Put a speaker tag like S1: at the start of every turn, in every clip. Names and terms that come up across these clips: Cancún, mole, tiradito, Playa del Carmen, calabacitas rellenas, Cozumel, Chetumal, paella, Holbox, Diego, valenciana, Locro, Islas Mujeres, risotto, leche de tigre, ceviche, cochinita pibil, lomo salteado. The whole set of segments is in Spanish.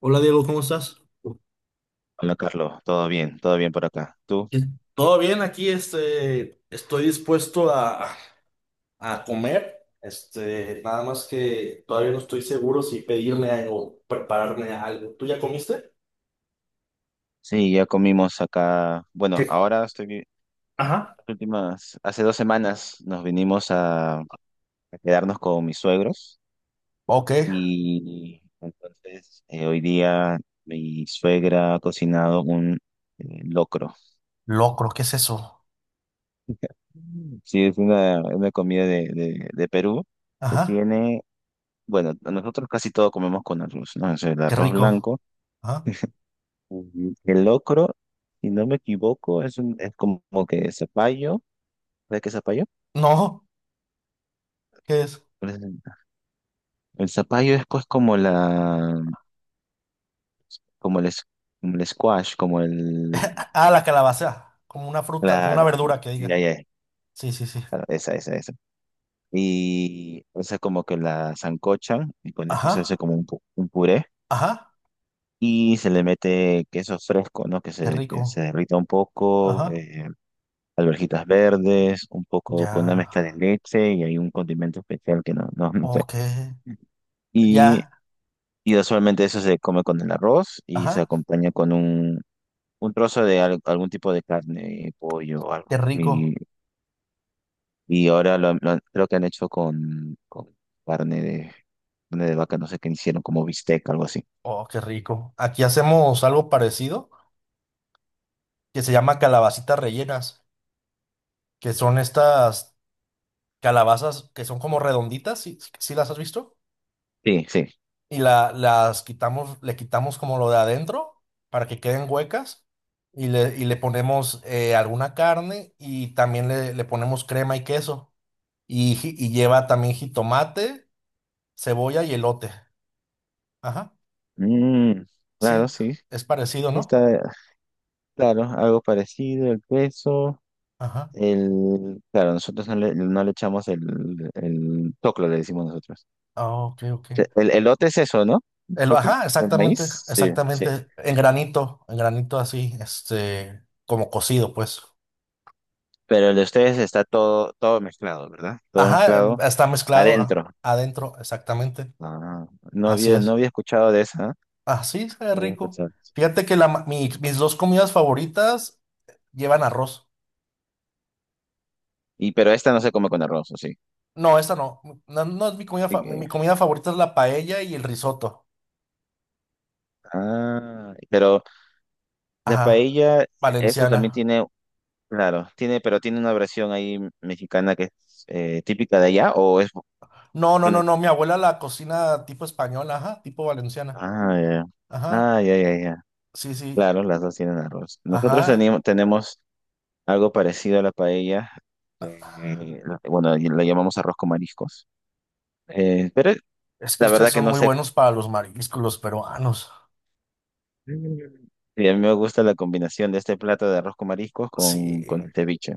S1: Hola Diego, ¿cómo estás?
S2: Hola Carlos, todo bien por acá. ¿Tú?
S1: Pues, todo bien aquí, estoy dispuesto a comer, nada más que todavía no estoy seguro si pedirme algo, prepararme algo. ¿Tú ya comiste?
S2: Sí, ya comimos acá. Bueno,
S1: ¿Qué?
S2: ahora estoy,
S1: Ajá.
S2: las últimas, hace 2 semanas nos vinimos a quedarnos con mis suegros
S1: Ok.
S2: y entonces hoy día mi suegra ha cocinado un locro.
S1: Locro, ¿qué es eso?
S2: Mm. Sí, es una comida de Perú que
S1: Ajá.
S2: tiene, bueno, nosotros casi todo comemos con arroz, ¿no? Es el
S1: Qué
S2: arroz
S1: rico.
S2: blanco.
S1: Ajá.
S2: El locro, si no me equivoco, es como que zapallo. ¿Sabes qué es zapallo?
S1: No, ¿qué es?
S2: Pues, el zapallo es pues como el, es- como el squash, como el,
S1: Ah, la calabaza. Como una fruta, como una
S2: claro,
S1: verdura que
S2: ya,
S1: diga.
S2: ya,
S1: Sí, sí, sí.
S2: claro, esa, esa, esa. Y esa como que la zancochan y con esto se hace
S1: Ajá.
S2: como un puré
S1: Ajá.
S2: y se le mete queso fresco, ¿no? Que
S1: Qué
S2: se, que se
S1: rico.
S2: derrita un poco,
S1: Ajá.
S2: alverjitas verdes, un poco con una mezcla de
S1: Ya.
S2: leche y hay un condimento especial que no, no, no sé.
S1: Ok.
S2: Y,
S1: Ya.
S2: y usualmente eso se come con el arroz y se
S1: Ajá.
S2: acompaña con un trozo de algún tipo de carne, pollo o algo.
S1: Qué rico.
S2: Y ahora creo que han hecho con carne de, carne de vaca, no sé qué hicieron, como bistec, algo así.
S1: Oh, qué rico. Aquí hacemos algo parecido que se llama calabacitas rellenas, que son estas calabazas que son como redonditas, si, si las has visto,
S2: Sí, sí.
S1: y las quitamos, le quitamos como lo de adentro para que queden huecas y le ponemos alguna carne y también le ponemos crema y queso y, lleva también jitomate, cebolla y elote. Ajá,
S2: Mm, claro,
S1: sí,
S2: sí.
S1: es parecido, ¿no?
S2: Está, claro, algo parecido, el queso.
S1: Ajá.
S2: El, claro, nosotros no le echamos el choclo, le decimos nosotros.
S1: Ah, ok, ok.
S2: El elote es eso, ¿no? ¿El choclo?
S1: Ajá,
S2: ¿El
S1: exactamente,
S2: maíz? Sí, sí.
S1: exactamente, en granito así, como cocido, pues.
S2: Pero el de ustedes está todo mezclado, ¿verdad? Todo
S1: Ajá,
S2: mezclado
S1: está mezclado
S2: adentro.
S1: adentro, exactamente,
S2: Ah, no
S1: así
S2: había,
S1: es.
S2: no había escuchado de esa, ¿eh?
S1: Así es
S2: No había
S1: rico.
S2: escuchado.
S1: Fíjate que mis dos comidas favoritas llevan arroz.
S2: Y pero esta no se come con arroz, ¿o sí?
S1: No, esa no, no, no es mi comida,
S2: Y
S1: mi
S2: que-
S1: comida favorita es la paella y el risotto.
S2: Ah, pero la
S1: Ajá,
S2: paella, esa también
S1: valenciana.
S2: tiene, claro, tiene, pero tiene una versión ahí mexicana que es típica de allá,
S1: No, no, no,
S2: un-
S1: no, mi abuela la cocina tipo española, ajá, tipo valenciana.
S2: ah, ya,
S1: Ajá,
S2: ah, ya, ya, ya.
S1: sí, sí,
S2: Claro, las dos tienen arroz. Nosotros
S1: ajá.
S2: tenemos algo parecido a la paella. eh, bueno, la llamamos arroz con mariscos. Pero
S1: Es que
S2: la
S1: ustedes
S2: verdad que
S1: son
S2: no
S1: muy
S2: sé.
S1: buenos para los mariscos, los peruanos.
S2: Mm. Y a mí me gusta la combinación de este plato de arroz con mariscos con
S1: Sí.
S2: el ceviche.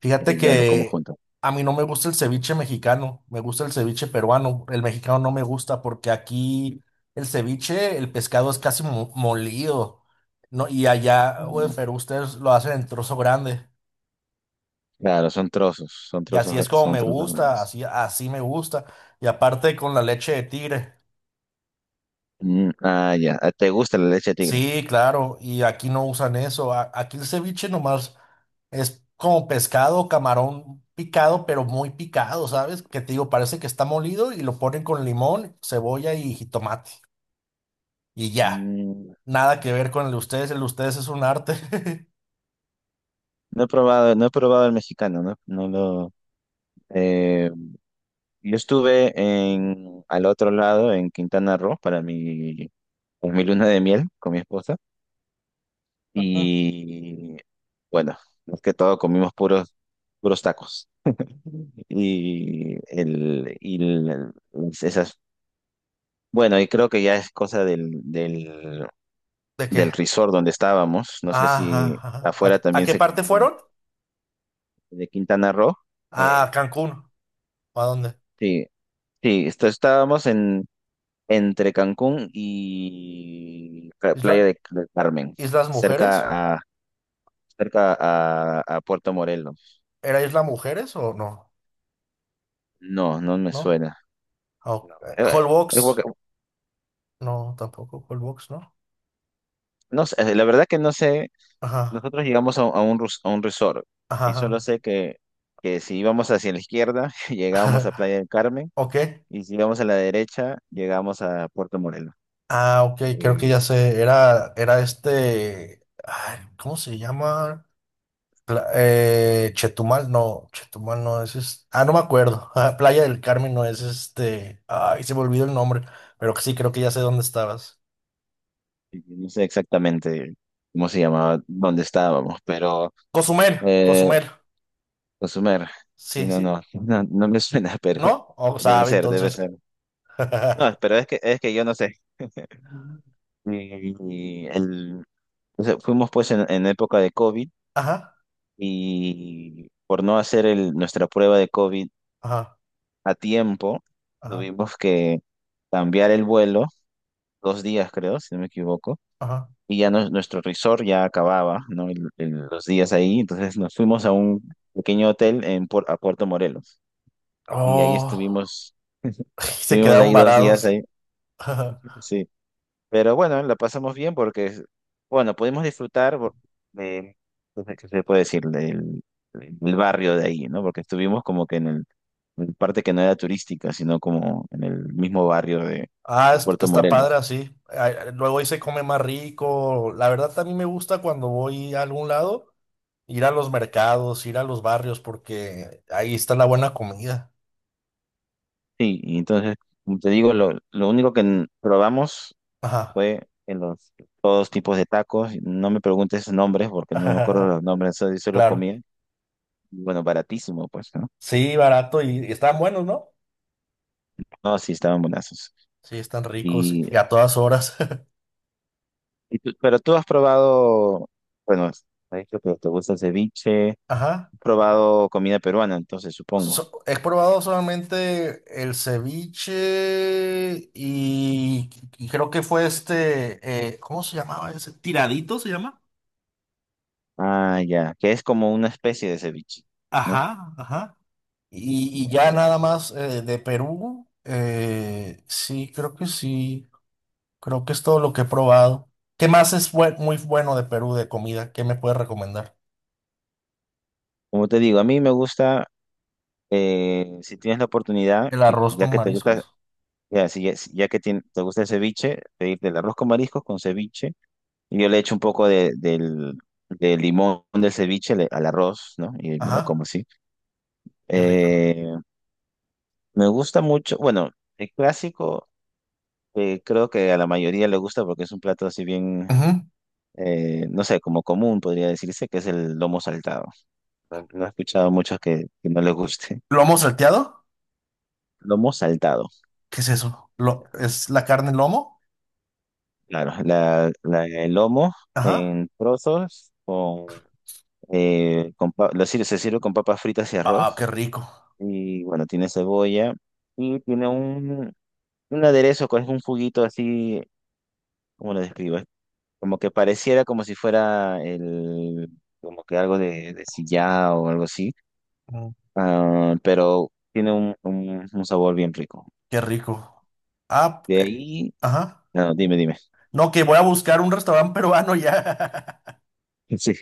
S1: Fíjate
S2: Y ya lo como
S1: que
S2: junto.
S1: a mí no me gusta el ceviche mexicano, me gusta el ceviche peruano. El mexicano no me gusta porque aquí el ceviche, el pescado es casi molido, ¿no? Y allá, o en
S2: Ah,
S1: Perú, ustedes lo hacen en trozo grande.
S2: claro, son trozos, son
S1: Y
S2: trozos,
S1: así es como
S2: son
S1: me
S2: trozos
S1: gusta,
S2: grandes.
S1: así, así me gusta. Y aparte con la leche de tigre.
S2: Mm, ah, ya. Ah, ¿te gusta la leche de tigre?
S1: Sí, claro, y aquí no usan eso. Aquí el ceviche nomás es como pescado, camarón picado, pero muy picado, ¿sabes? Que te digo, parece que está molido y lo ponen con limón, cebolla y jitomate. Y ya,
S2: Mm,
S1: nada que ver con el de ustedes es un arte.
S2: no he probado, no he probado el mexicano, no, no lo. eh, yo estuve en al otro lado, en Quintana Roo, pues, mi luna de miel con mi esposa.
S1: Ujú.
S2: Y bueno, más que todo comimos puros tacos. Y, el, y el- esas, bueno, y creo que ya es cosa del, del,
S1: ¿De qué?
S2: del resort donde estábamos. No sé
S1: Ajá,
S2: si
S1: ajá.
S2: afuera
S1: A
S2: también
S1: qué
S2: se
S1: parte
S2: come
S1: fueron?
S2: de Quintana Roo.
S1: A
S2: Eh,
S1: Cancún. ¿A dónde?
S2: sí, sí, estábamos entre Cancún y Playa
S1: ¿Isla,
S2: del Carmen,
S1: Islas Mujeres?
S2: cerca a, a Puerto Morelos.
S1: ¿Era Isla Mujeres o no?
S2: No, no me
S1: ¿No?
S2: suena.
S1: Ah, ok.
S2: No, es
S1: Holbox.
S2: porque-
S1: No, tampoco Holbox, ¿no?
S2: no sé, la verdad que no sé.
S1: Ajá,
S2: Nosotros llegamos a a un resort y solo
S1: ajá,
S2: sé que si íbamos hacia la izquierda, llegábamos a Playa
S1: ajá.
S2: del Carmen
S1: Ok.
S2: y si íbamos a la derecha, llegábamos a Puerto Morelos.
S1: Ah, ok, creo que ya
S2: Y,
S1: sé. Era, era este. Ay, ¿cómo se llama? Chetumal no es, ah, no me acuerdo. Ah, Playa del Carmen no es este. Ay, se me olvidó el nombre. Pero que sí, creo que ya sé dónde estabas.
S2: y no sé exactamente cómo se llamaba, dónde estábamos, pero
S1: Cozumel,
S2: eh,
S1: Cozumel.
S2: Cozumel, sí,
S1: Sí,
S2: no,
S1: sí.
S2: no, no, no me suena, pero
S1: ¿No? O
S2: debe
S1: sabe,
S2: ser, debe
S1: entonces.
S2: ser. No, pero es que yo no sé. Y, y o sea, fuimos pues en época de COVID
S1: Ajá,
S2: y por no hacer nuestra prueba de COVID
S1: ajá,
S2: a tiempo,
S1: ajá,
S2: tuvimos que cambiar el vuelo, 2 días creo, si no me equivoco,
S1: ajá.
S2: y ya nuestro resort ya acababa, ¿no? Los días ahí, entonces nos fuimos a un pequeño hotel a Puerto Morelos y ahí
S1: Oh,
S2: estuvimos,
S1: se
S2: estuvimos
S1: quedaron
S2: ahí 2 días
S1: varados.
S2: ahí, sí. Pero bueno, la pasamos bien porque, bueno, pudimos disfrutar de, no sé, ¿qué se puede decir? Del barrio de ahí, ¿no? Porque estuvimos como que en parte que no era turística, sino como en el mismo barrio de,
S1: Ah,
S2: de Puerto
S1: está padre
S2: Morelos.
S1: así. Ay, luego ahí se come más rico. La verdad, también me gusta cuando voy a algún lado, ir a los mercados, ir a los barrios, porque ahí está la buena comida.
S2: Sí, y entonces, como te digo, lo único que probamos
S1: Ajá.
S2: fue en los todos tipos de tacos. No me preguntes nombres porque no me acuerdo los nombres, solo
S1: Claro.
S2: comía. Y bueno, baratísimo, pues, ¿no?
S1: Sí, barato y están buenos, ¿no?
S2: No, sí, estaban buenazos.
S1: Sí, están ricos y a todas horas.
S2: Pero tú has probado, bueno, has dicho que te gusta el ceviche, has
S1: Ajá.
S2: probado comida peruana, entonces supongo.
S1: He probado solamente el ceviche y creo que fue este, ¿cómo se llamaba ese? ¿Tiradito se llama?
S2: Ah, ya, que es como una especie de ceviche, ¿no?
S1: Ajá, ajá. Y
S2: Ya,
S1: ya
S2: ya.
S1: nada más de Perú, sí, creo que es todo lo que he probado. ¿Qué más es muy bueno de Perú de comida? ¿Qué me puedes recomendar?
S2: Como te digo, a mí me gusta, si tienes la oportunidad,
S1: El
S2: y
S1: arroz
S2: ya
S1: con
S2: que te gusta,
S1: mariscos.
S2: ya, si, ya, si- te gusta el ceviche, pedirte el arroz con mariscos con ceviche, y yo le echo un poco del limón del ceviche al arroz, ¿no? Y me lo como
S1: Ajá,
S2: así.
S1: qué rico.
S2: Eh, me gusta mucho, bueno, el clásico. Creo que a la mayoría le gusta porque es un plato así bien,
S1: Ujú.
S2: no sé, como común podría decirse, que es el lomo saltado. No, no he escuchado muchos que no les guste.
S1: ¿Lomo salteado?
S2: Lomo saltado,
S1: ¿Qué es eso? ¿Es la carne lomo?
S2: claro. El lomo
S1: Ajá.
S2: en trozos con pa- lo sir- se sirve con papas fritas y
S1: Ah,
S2: arroz.
S1: qué rico.
S2: Y bueno, tiene cebolla y tiene un aderezo con un juguito así, ¿cómo lo describo? Como que pareciera como si fuera como que algo de sillao o algo así,
S1: Mm,
S2: ah, pero tiene un sabor bien rico.
S1: qué rico. Ah,
S2: De
S1: eh,
S2: ahí,
S1: ajá.
S2: no, dime, dime.
S1: No, que voy a buscar un restaurante peruano ya.
S2: Sí.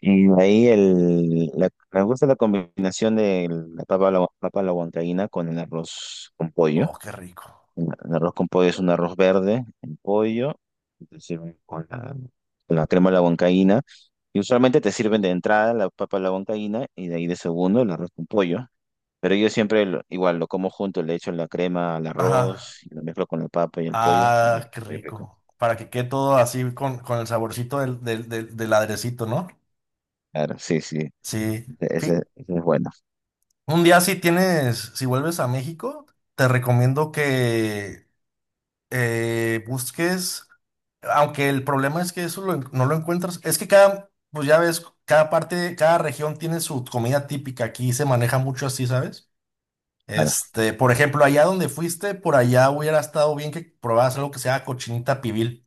S2: Y de ahí me gusta la combinación de papa a la huancaína con el arroz con pollo.
S1: Oh, qué rico.
S2: El arroz con pollo es un arroz verde, el pollo, y te sirven con con la crema de la huancaína. Y usualmente te sirven de entrada la papa a la huancaína y de ahí de segundo el arroz con pollo. Pero yo siempre igual lo como junto, le echo la crema al
S1: Ajá.
S2: arroz, y lo mezclo con la papa y el pollo y
S1: Ah, qué
S2: muy rico.
S1: rico. Para que quede todo así con el saborcito del airecito, ¿no?
S2: Claro, sí, sí,
S1: Sí.
S2: ese,
S1: Fi-
S2: ese es bueno.
S1: Un día si tienes, si vuelves a México, te recomiendo que busques, aunque el problema es que eso no lo encuentras, es que cada, pues ya ves, cada parte, cada región tiene su comida típica, aquí se maneja mucho así, ¿sabes?
S2: Claro.
S1: Este, por ejemplo, allá donde fuiste, por allá hubiera estado bien que probaras algo que sea cochinita pibil.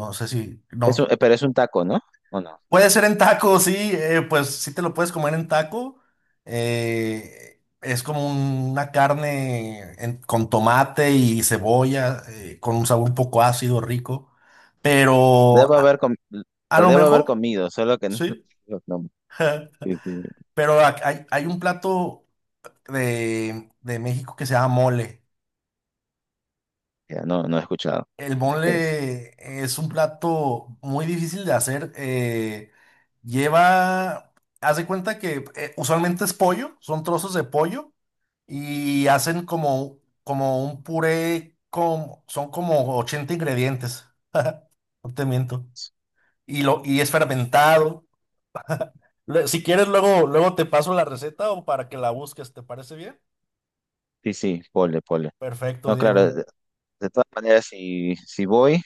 S1: No sé si, no,
S2: Pero es un taco, ¿no? ¿O no?
S1: puede ser en taco, sí, pues sí te lo puedes comer en taco. Es como una carne con tomate y cebolla, con un sabor un poco ácido, rico. Pero
S2: Debo haber com-
S1: a
S2: lo
S1: lo
S2: debo haber
S1: mejor,
S2: comido, solo que no,
S1: sí.
S2: no, sí, sí,
S1: Pero hay, hay un plato de México que se llama mole.
S2: ya no, no he escuchado.
S1: El
S2: ¿De qué es?
S1: mole es un plato muy difícil de hacer. Lleva, Haz de cuenta que usualmente es pollo, son trozos de pollo y hacen como, como un puré con, son como 80 ingredientes, no te miento. Y, y es fermentado. Si quieres, luego, luego te paso la receta o para que la busques, ¿te parece bien?
S2: Sí, sí, pole, pole.
S1: Perfecto,
S2: No,
S1: Diego.
S2: claro, de todas maneras, si voy,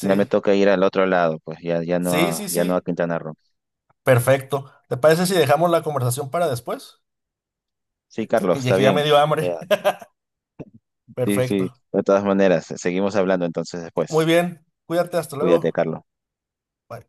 S2: ya me toca ir al otro lado, pues
S1: sí, sí,
S2: ya no a
S1: sí.
S2: Quintana Roo.
S1: Perfecto. ¿Te parece si dejamos la conversación para después?
S2: Sí, Carlos, está
S1: Que ya me
S2: bien.
S1: dio hambre.
S2: Ya, sí, sí,
S1: Perfecto.
S2: de todas maneras, seguimos hablando entonces
S1: Muy
S2: después.
S1: bien. Cuídate, hasta
S2: Cuídate,
S1: luego.
S2: Carlos.
S1: Bye.